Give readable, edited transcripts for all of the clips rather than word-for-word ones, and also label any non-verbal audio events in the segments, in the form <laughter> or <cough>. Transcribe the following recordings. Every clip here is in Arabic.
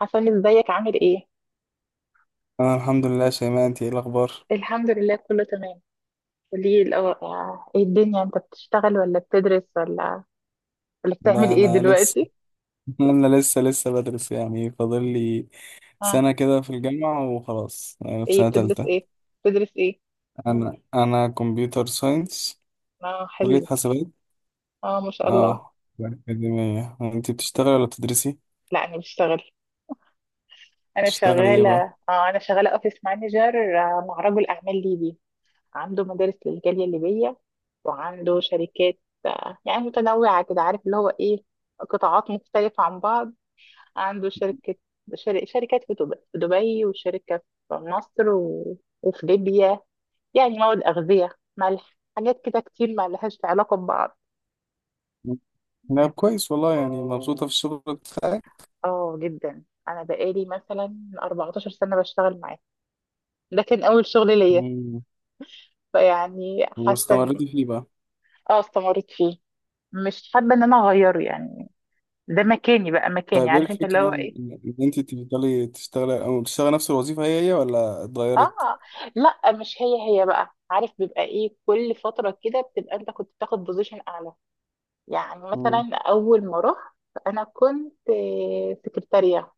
حسن، ازيك عامل ايه؟ انا الحمد لله يا شيماء، انت ايه الاخبار؟ الحمد لله، كله تمام. قولي الأول، ايه الدنيا، انت بتشتغل ولا بتدرس ولا بتعمل ده ايه انا لسه دلوقتي؟ <laughs> انا لسه بدرس، يعني فاضل لي اه، سنه كده في الجامعه. وخلاص أنا في ايه سنه بتدرس تالتة. ايه؟ بتدرس ايه؟ انا كمبيوتر ساينس، اه، كليه حلو. حاسبات. اه، ما شاء الله. اه يعني اكاديميه. انت بتشتغلي ولا بتدرسي؟ لا، انا بشتغل. انا بتشتغلي ايه شغالة. بقى؟ اه، انا شغالة اوفيس مانجر، مع رجل اعمال ليبي. عنده مدارس للجالية الليبية، وعنده شركات. يعني متنوعة كده، عارف اللي هو ايه، قطاعات مختلفة عن بعض. عنده شركة، شركات في دبي، وشركة في مصر وفي ليبيا، يعني مواد أغذية، ملح، حاجات كده كتير ما لهاش علاقة ببعض. لا كويس والله، يعني مبسوطه في الشغل بتاعك. اه جدا، أنا بقالي مثلا 14 سنة بشتغل معاه. ده كان أول شغل ليا. مم. فيعني حاسة إن. واستمريتي فيه بقى؟ اه، استمريت فيه. مش حابة إن أنا أغيره يعني. ده مكاني بقى، مكاني، طيب ايه عارف انت اللي هو الفكره ان ايه. إن انت تفضلي تشتغلي، او تشتغلي نفس الوظيفه هي هي ولا اتغيرت؟ اه، لا، مش هي هي بقى، عارف بيبقى ايه، كل فترة كده بتبقى انت كنت بتاخد بوزيشن اعلى. يعني مم. مثلا أول ما رحت أنا كنت سكرتارية.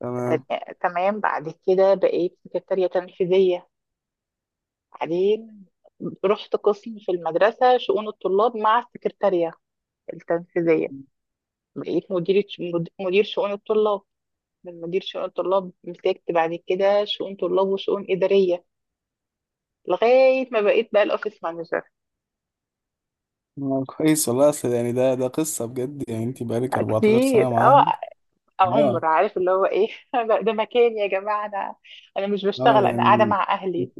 تمام. تمام، بعد كده بقيت سكرتارية تنفيذية. بعدين رحت قسم في المدرسة، شؤون الطلاب مع السكرتارية التنفيذية. بقيت مديرة، مدير شؤون الطلاب. من مدير شؤون الطلاب مسكت بعد كده شؤون طلاب وشؤون إدارية، لغاية ما بقيت بقى الأوفيس مانجر. كويس والله، اصل يعني ده قصة بجد. يعني انت بقالك 14 كتير، سنة اه. معاهم. اه، عمر عارف اللي هو ايه. <laughs> ده مكان يا جماعة. أنا مش اه، بشتغل، انا قاعده يعني مع اهلي.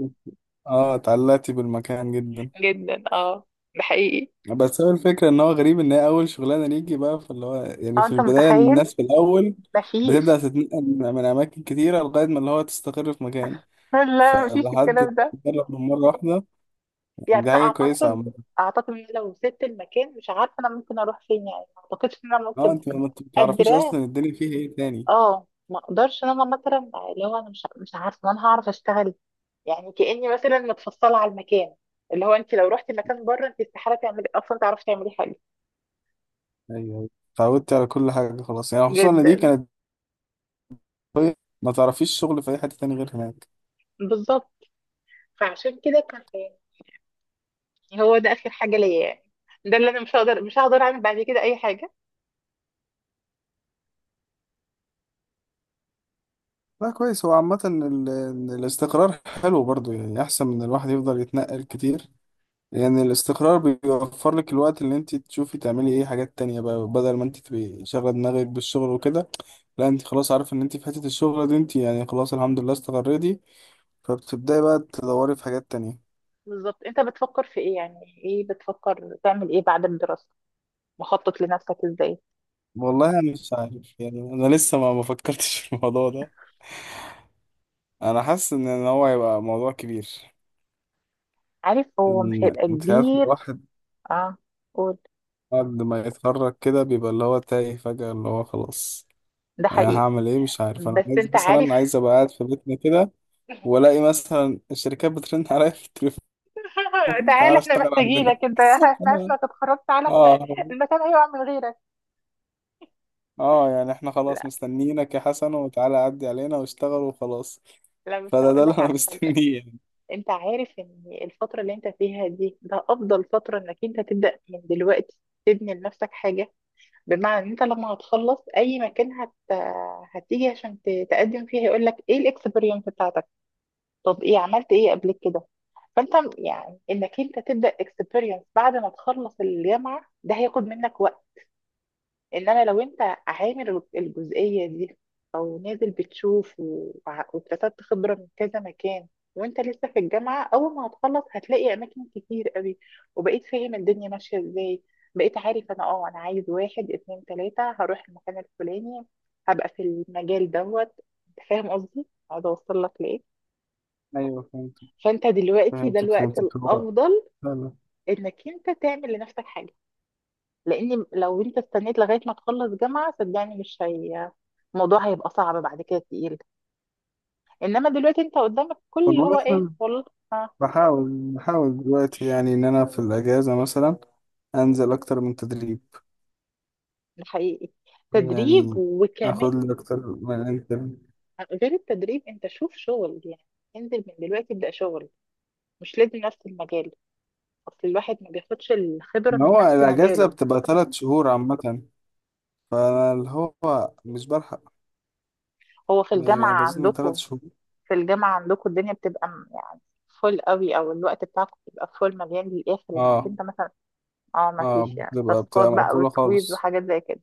اه اتعلقتي بالمكان جدا. جدا، اه. ده حقيقي. بس هو الفكرة ان هو غريب ان هي اول شغلانة ليكي بقى، فاللي هو يعني اه، في انت البداية متخيل، الناس في الاول بتبدأ مفيش. تتنقل من اماكن كتيرة لغاية ما اللي هو تستقر في مكان، لا، مفيش فلحد الكلام ده. ما تجرب من مرة واحدة. يعني دي انا حاجة كويسة اعتقد، عامة. ان لو سبت المكان، مش عارفه انا ممكن اروح فين يعني. ما اعتقدش ان انا اه ممكن، انت ما بتعرفيش قادره. اصلا الدنيا فيها ايه تاني. اه، ما اقدرش ان انا مثلا اللي هو انا مش عارفه إن انا هعرف اشتغل. يعني كاني مثلا متفصله على المكان. اللي هو انت لو رحتي مكان بره، انت استحاله تعملي، اصلا تعرفي تعملي حاجه. ايوه أيوة. اتعودتي على كل حاجة خلاص، يعني خصوصا ان دي جدا. كانت. طيب ما تعرفيش شغل في اي حته تاني غير هناك. بالظبط. فعشان كده كان، يعني هو ده اخر حاجه ليا يعني. ده اللي انا مش هقدر، اعمل بعد كده اي حاجه. لا كويس، هو عامه الاستقرار حلو برضو، يعني احسن من الواحد يفضل يتنقل كتير. يعني الاستقرار بيوفر لك الوقت اللي انت تشوفي تعملي ايه حاجات تانية بقى، بدل ما انت تبقي شاغله دماغك بالشغل وكده. لا انت خلاص عارفه ان انت في حته الشغل دي انت يعني خلاص الحمد لله استقريتي، فبتبداي بقى تدوري في حاجات تانية. بالظبط. انت بتفكر في ايه يعني؟ ايه بتفكر تعمل ايه بعد الدراسة؟ مخطط لنفسك ازاي؟ والله انا مش عارف، يعني انا لسه ما فكرتش في الموضوع ده. انا حاسس إن هو هيبقى موضوع كبير. عارف، هو مش هيبقى انت عارف كبير. الواحد اه، قول. بعد ما يتخرج كده بيبقى اللي هو تايه فجأة اللي هو خلاص ده أنا حقيقي. هعمل ايه؟ مش عارف، انا بس عايز انت عارف. مثلا عايز ابقى قاعد في بيتنا كده. والاقي مثلا الشركات بترن <laughs> عليا في التليفون. <laughs> <laughs> تعالى، تعالى احنا اشتغل عندنا. محتاجينك انت، <laughs> <laughs> احنا عارفين انا انك اتخرجت، تعالى احنا. اه، المكان هيقع من غيرك. اه، يعني احنا خلاص لا، مستنيينك يا حسن، وتعالى عدي علينا واشتغل وخلاص. لا، بس فده هقول اللي لك انا <laughs> على حاجة. مستنيه يعني. انت عارف ان الفترة اللي انت فيها دي، ده افضل فترة انك انت تبدأ من دلوقتي، تبني لنفسك حاجة. بمعنى ان انت لما هتخلص اي مكان، هتيجي عشان تقدم فيه، هيقول لك ايه الاكسبيرينس بتاعتك؟ طب ايه، عملت ايه قبل كده؟ فانت يعني انك انت تبدا اكسبيرينس بعد ما تخلص الجامعه، ده هياخد منك وقت. ان انا لو انت عامل الجزئيه دي، او نازل بتشوف واكتسبت خبره من كذا مكان، وانت لسه في الجامعه، اول ما هتخلص هتلاقي اماكن كتير قوي. وبقيت فاهم الدنيا ماشيه ازاي. بقيت عارف، انا عايز واحد اتنين تلاته، هروح المكان الفلاني، هبقى في المجال دوت. فاهم قصدي؟ اقعد اوصل لك لايه. ايوه فهمتك، فانت دلوقتي ده فهمتك، الوقت فهمتك. الافضل لا، لا. انك انت تعمل لنفسك حاجه، لان لو انت استنيت لغايه ما تخلص جامعه، صدقني مش هي، الموضوع هيبقى صعب بعد كده، تقيل. انما دلوقتي انت قدامك كل اللي والله هو ايه، مثلا، والله. ها، بحاول دلوقتي يعني ان انا في الاجازه، مثلا انزل اكتر من تدريب. ده حقيقي. تدريب يعني وكمان، اخد لي اكتر من انت. غير التدريب انت شوف شغل يعني. انزل من دلوقتي، ابدا شغل. مش لازم نفس المجال، اصل الواحد ما بياخدش الخبره ما من هو نفس الاجازه مجاله. بتبقى 3 شهور عامه، فاللي هو مش بلحق. هو في يعني الجامعه اجازتنا ثلاث عندكم، شهور الدنيا بتبقى يعني فول قوي، او الوقت بتاعكم بيبقى فول مليان للاخر، انك اه، انت مثلا، اه، ما اه، فيش يعني بتبقى تاسكات بتبقى بقى مقفوله وكويز خالص، وحاجات زي كده.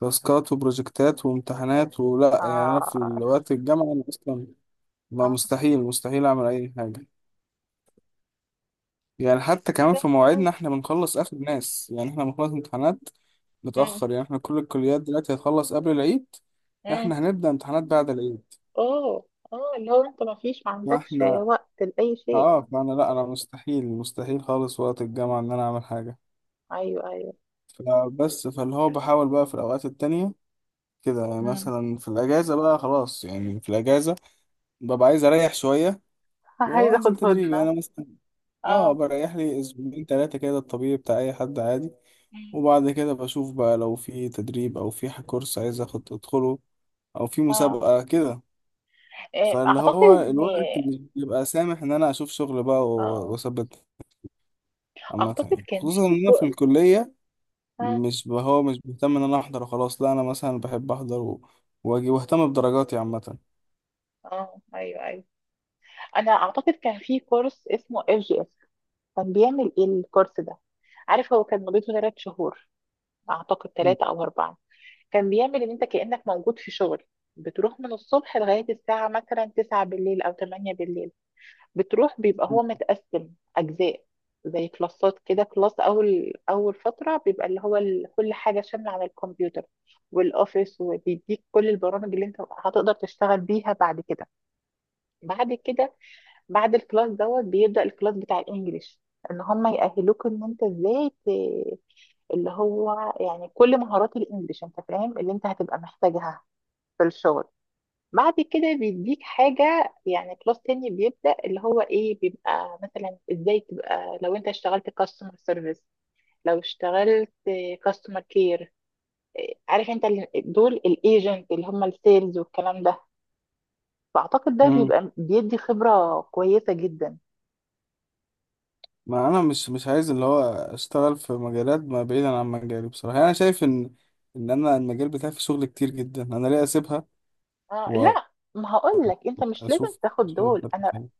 تاسكات وبروجكتات وامتحانات ولا يعني. انا في اه، الوقت الجامعه انا اصلا ما اه. مستحيل مستحيل اعمل اي حاجه. يعني حتى كمان في مواعيدنا احنا بنخلص اخر ناس، يعني احنا بنخلص امتحانات امم، متاخر. يعني احنا كل الكليات دلوقتي هتخلص قبل العيد، امم. احنا هنبدا امتحانات بعد العيد. اوه، اه، اللي هو انت ما عندكش فاحنا وقت لأي شيء. اه فانا لا انا مستحيل مستحيل خالص وقت الجامعة ان انا اعمل حاجة. ايوه، ايوه. فبس فاللي هو بحاول بقى في الاوقات التانية كده، يعني امم. مثلا في الاجازة بقى خلاص، يعني في الاجازة ببقى عايز اريح شوية. <laughs> عايزه وانزل اخد تدريب، يعني هدنه. انا مثلا اه اه. بريح لي اسبوعين ثلاثة كده، الطبيعي بتاع اي حد عادي. مم. وبعد كده بشوف بقى لو في تدريب او في كورس عايز اخد ادخله، او في اه. مسابقة كده. إيه، فاللي اعتقد هو ان، الوقت مش بيبقى سامح ان انا اشوف شغل بقى اه، واثبت عامة. اعتقد يعني كان خصوصا في ان انا في الكلية اه، مش ب- هو مش بيهتم ان انا احضر وخلاص، لا انا مثلا بحب احضر واجي واهتم بدرجاتي عامه. اه، ايوه، ايوه، انا اعتقد كان في كورس اسمه FGS. كان بيعمل ايه الكورس ده؟ عارف، هو كان مدته 3 شهور، اعتقد ثلاثة او اربعة. كان بيعمل ان انت كأنك موجود في شغل، بتروح من الصبح لغاية الساعة مثلا 9 بالليل او 8 بالليل. بتروح بيبقى هو متقسم اجزاء، زي كلاسات كده. كلاس اول، اول فترة بيبقى اللي هو كل حاجة شاملة على الكمبيوتر والاوفيس، وبيديك كل البرامج اللي انت هتقدر تشتغل بيها بعد كده. بعد كده بعد الكلاس دوت، بيبدأ الكلاس بتاع الانجليش، ان هم يأهلوك ان انت ازاي اللي هو يعني كل مهارات الانجليش انت فاهم اللي انت هتبقى محتاجها في الشغل. بعد كده بيديك حاجة، يعني كلاس تاني بيبدأ اللي هو ايه، بيبقى مثلا ازاي تبقى، لو انت اشتغلت كاستمر سيرفيس، لو اشتغلت كاستمر كير. عارف انت دول الايجنت اللي هم السيلز والكلام ده. فاعتقد ده مم. بيبقى بيدي خبرة كويسة جدا. ما انا مش عايز اللي هو اشتغل في مجالات ما بعيدا عن مجالي بصراحه. يعني انا شايف ان انا المجال بتاعي فيه شغل كتير جدا، انا ليه اسيبها آه، لا، ما هقول لك، انت مش لازم واشوف تاخد شغل دول. بتاعي انا تاني؟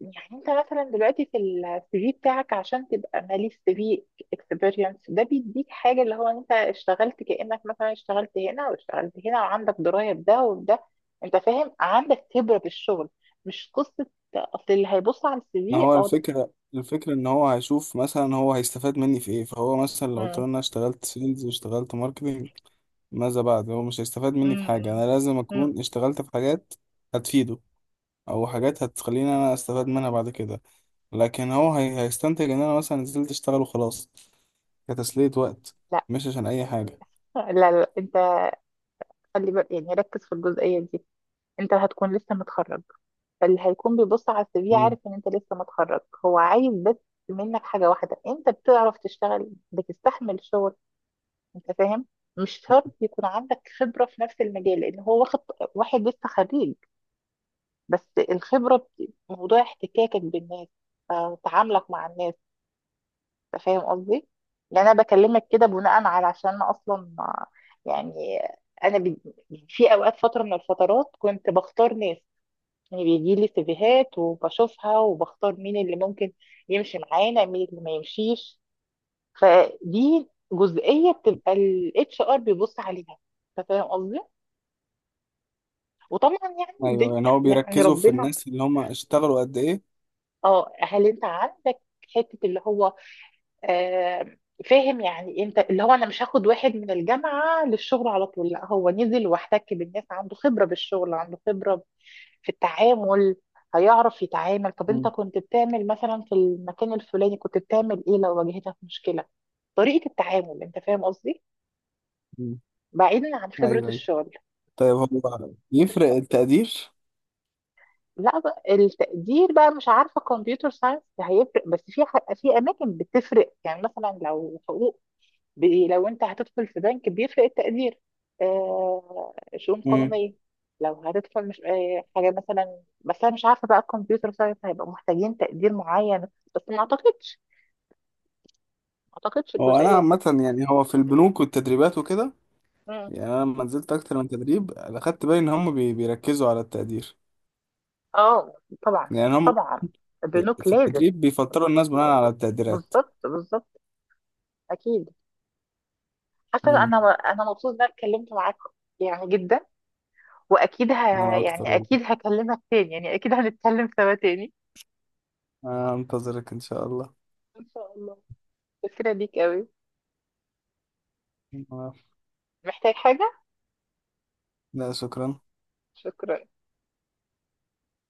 يعني انت مثلا دلوقتي في السي في بتاعك، عشان تبقى مالي السي في اكسبيرينس، ده بيديك حاجه اللي هو انت اشتغلت كانك مثلا اشتغلت هنا واشتغلت هنا، وعندك درايه بده وده. انت فاهم عندك خبره بالشغل، مش قصه. اصل اللي هيبص على السي ما في، هو ده. الفكره ان هو هيشوف مثلا هو هيستفاد مني في ايه. فهو مثلا لو قلت مم، له إن انا اشتغلت سيلز واشتغلت ماركتنج، ماذا بعد؟ هو مش هيستفاد مني مم، في حاجه. مم، انا لازم مم. اكون اشتغلت في حاجات هتفيده، او حاجات هتخليني انا استفاد منها بعد كده. لكن هيستنتج ان انا مثلا نزلت اشتغل وخلاص، كتسلية وقت، لا، مش عشان اي حاجة. لا، لا، انت خلي بالك، يعني ركز في الجزئيه دي. انت هتكون لسه متخرج، اللي هيكون بيبص على السي في مم. عارف ان انت لسه متخرج. هو عايز بس منك حاجة واحدة، انت بتعرف تشتغل، بتستحمل شغل. انت فاهم؟ مش شرط يكون عندك خبرة في نفس المجال، لان هو واخد واحد لسه خريج بس. الخبرة موضوع احتكاكك بالناس، تعاملك مع الناس. انت فاهم قصدي؟ يعني انا بكلمك كده بناء على، عشان انا اصلا، يعني انا في اوقات، فترة من الفترات كنت بختار ناس. يعني بيجي لي سيفيهات وبشوفها وبختار مين اللي ممكن يمشي معانا مين اللي ما يمشيش. فدي جزئية بتبقى الاتش ار بيبص عليها. انت فاهم قصدي؟ وطبعا يعني ايوه يعني الدنيا هو يعني بيركزوا في ربنا. الناس اللي هم اشتغلوا قد ايه. اه، هل انت عندك حتة اللي هو، آه فاهم، يعني انت اللي هو انا مش هاخد واحد من الجامعة للشغل على طول. لا، هو نزل واحتك بالناس، عنده خبرة بالشغل، عنده خبرة في التعامل. هيعرف يتعامل. طب انت مم. كنت بتعمل مثلا في المكان الفلاني، كنت بتعمل ايه لو واجهتك مشكلة؟ طريقة التعامل، انت فاهم قصدي؟ مم. بعيدا عن خبرة ايوه، ايوه. الشغل. طيب هو يفرق التقدير؟ لا، بقى التقدير بقى، مش عارفة كمبيوتر ساينس هيفرق، بس في في اماكن بتفرق، يعني مثلا لو حقوق، لو انت هتدخل في بنك بيفرق التقدير. آه، شؤون امم. قانونية، لو هتدخل، مش آه حاجة مثلا، بس انا مش عارفة بقى الكمبيوتر ساينس هيبقى محتاجين تقدير معين. بس ما اعتقدش، هو انا الجزئيه دي. عامة يعني هو في البنوك والتدريبات وكده، مم. يعني انا لما نزلت اكتر من تدريب اخدت بالي ان هم بيركزوا على التقدير. اه، طبعا، يعني هم طبعا. بنوك في لازم. التدريب بيفلتروا الناس بناء على التقديرات. بالظبط، بالظبط، اكيد. حسن، امم. انا مبسوط ان انا اتكلمت معاك، يعني جدا. واكيد انا اكتر يعني والله. اكيد هكلمك تاني، يعني اكيد هنتكلم سوا تاني. انتظرك ان شاء الله. ان شاء الله. شكرا ليك قوي. آه، محتاج حاجه؟ لا شكرا. شكرا.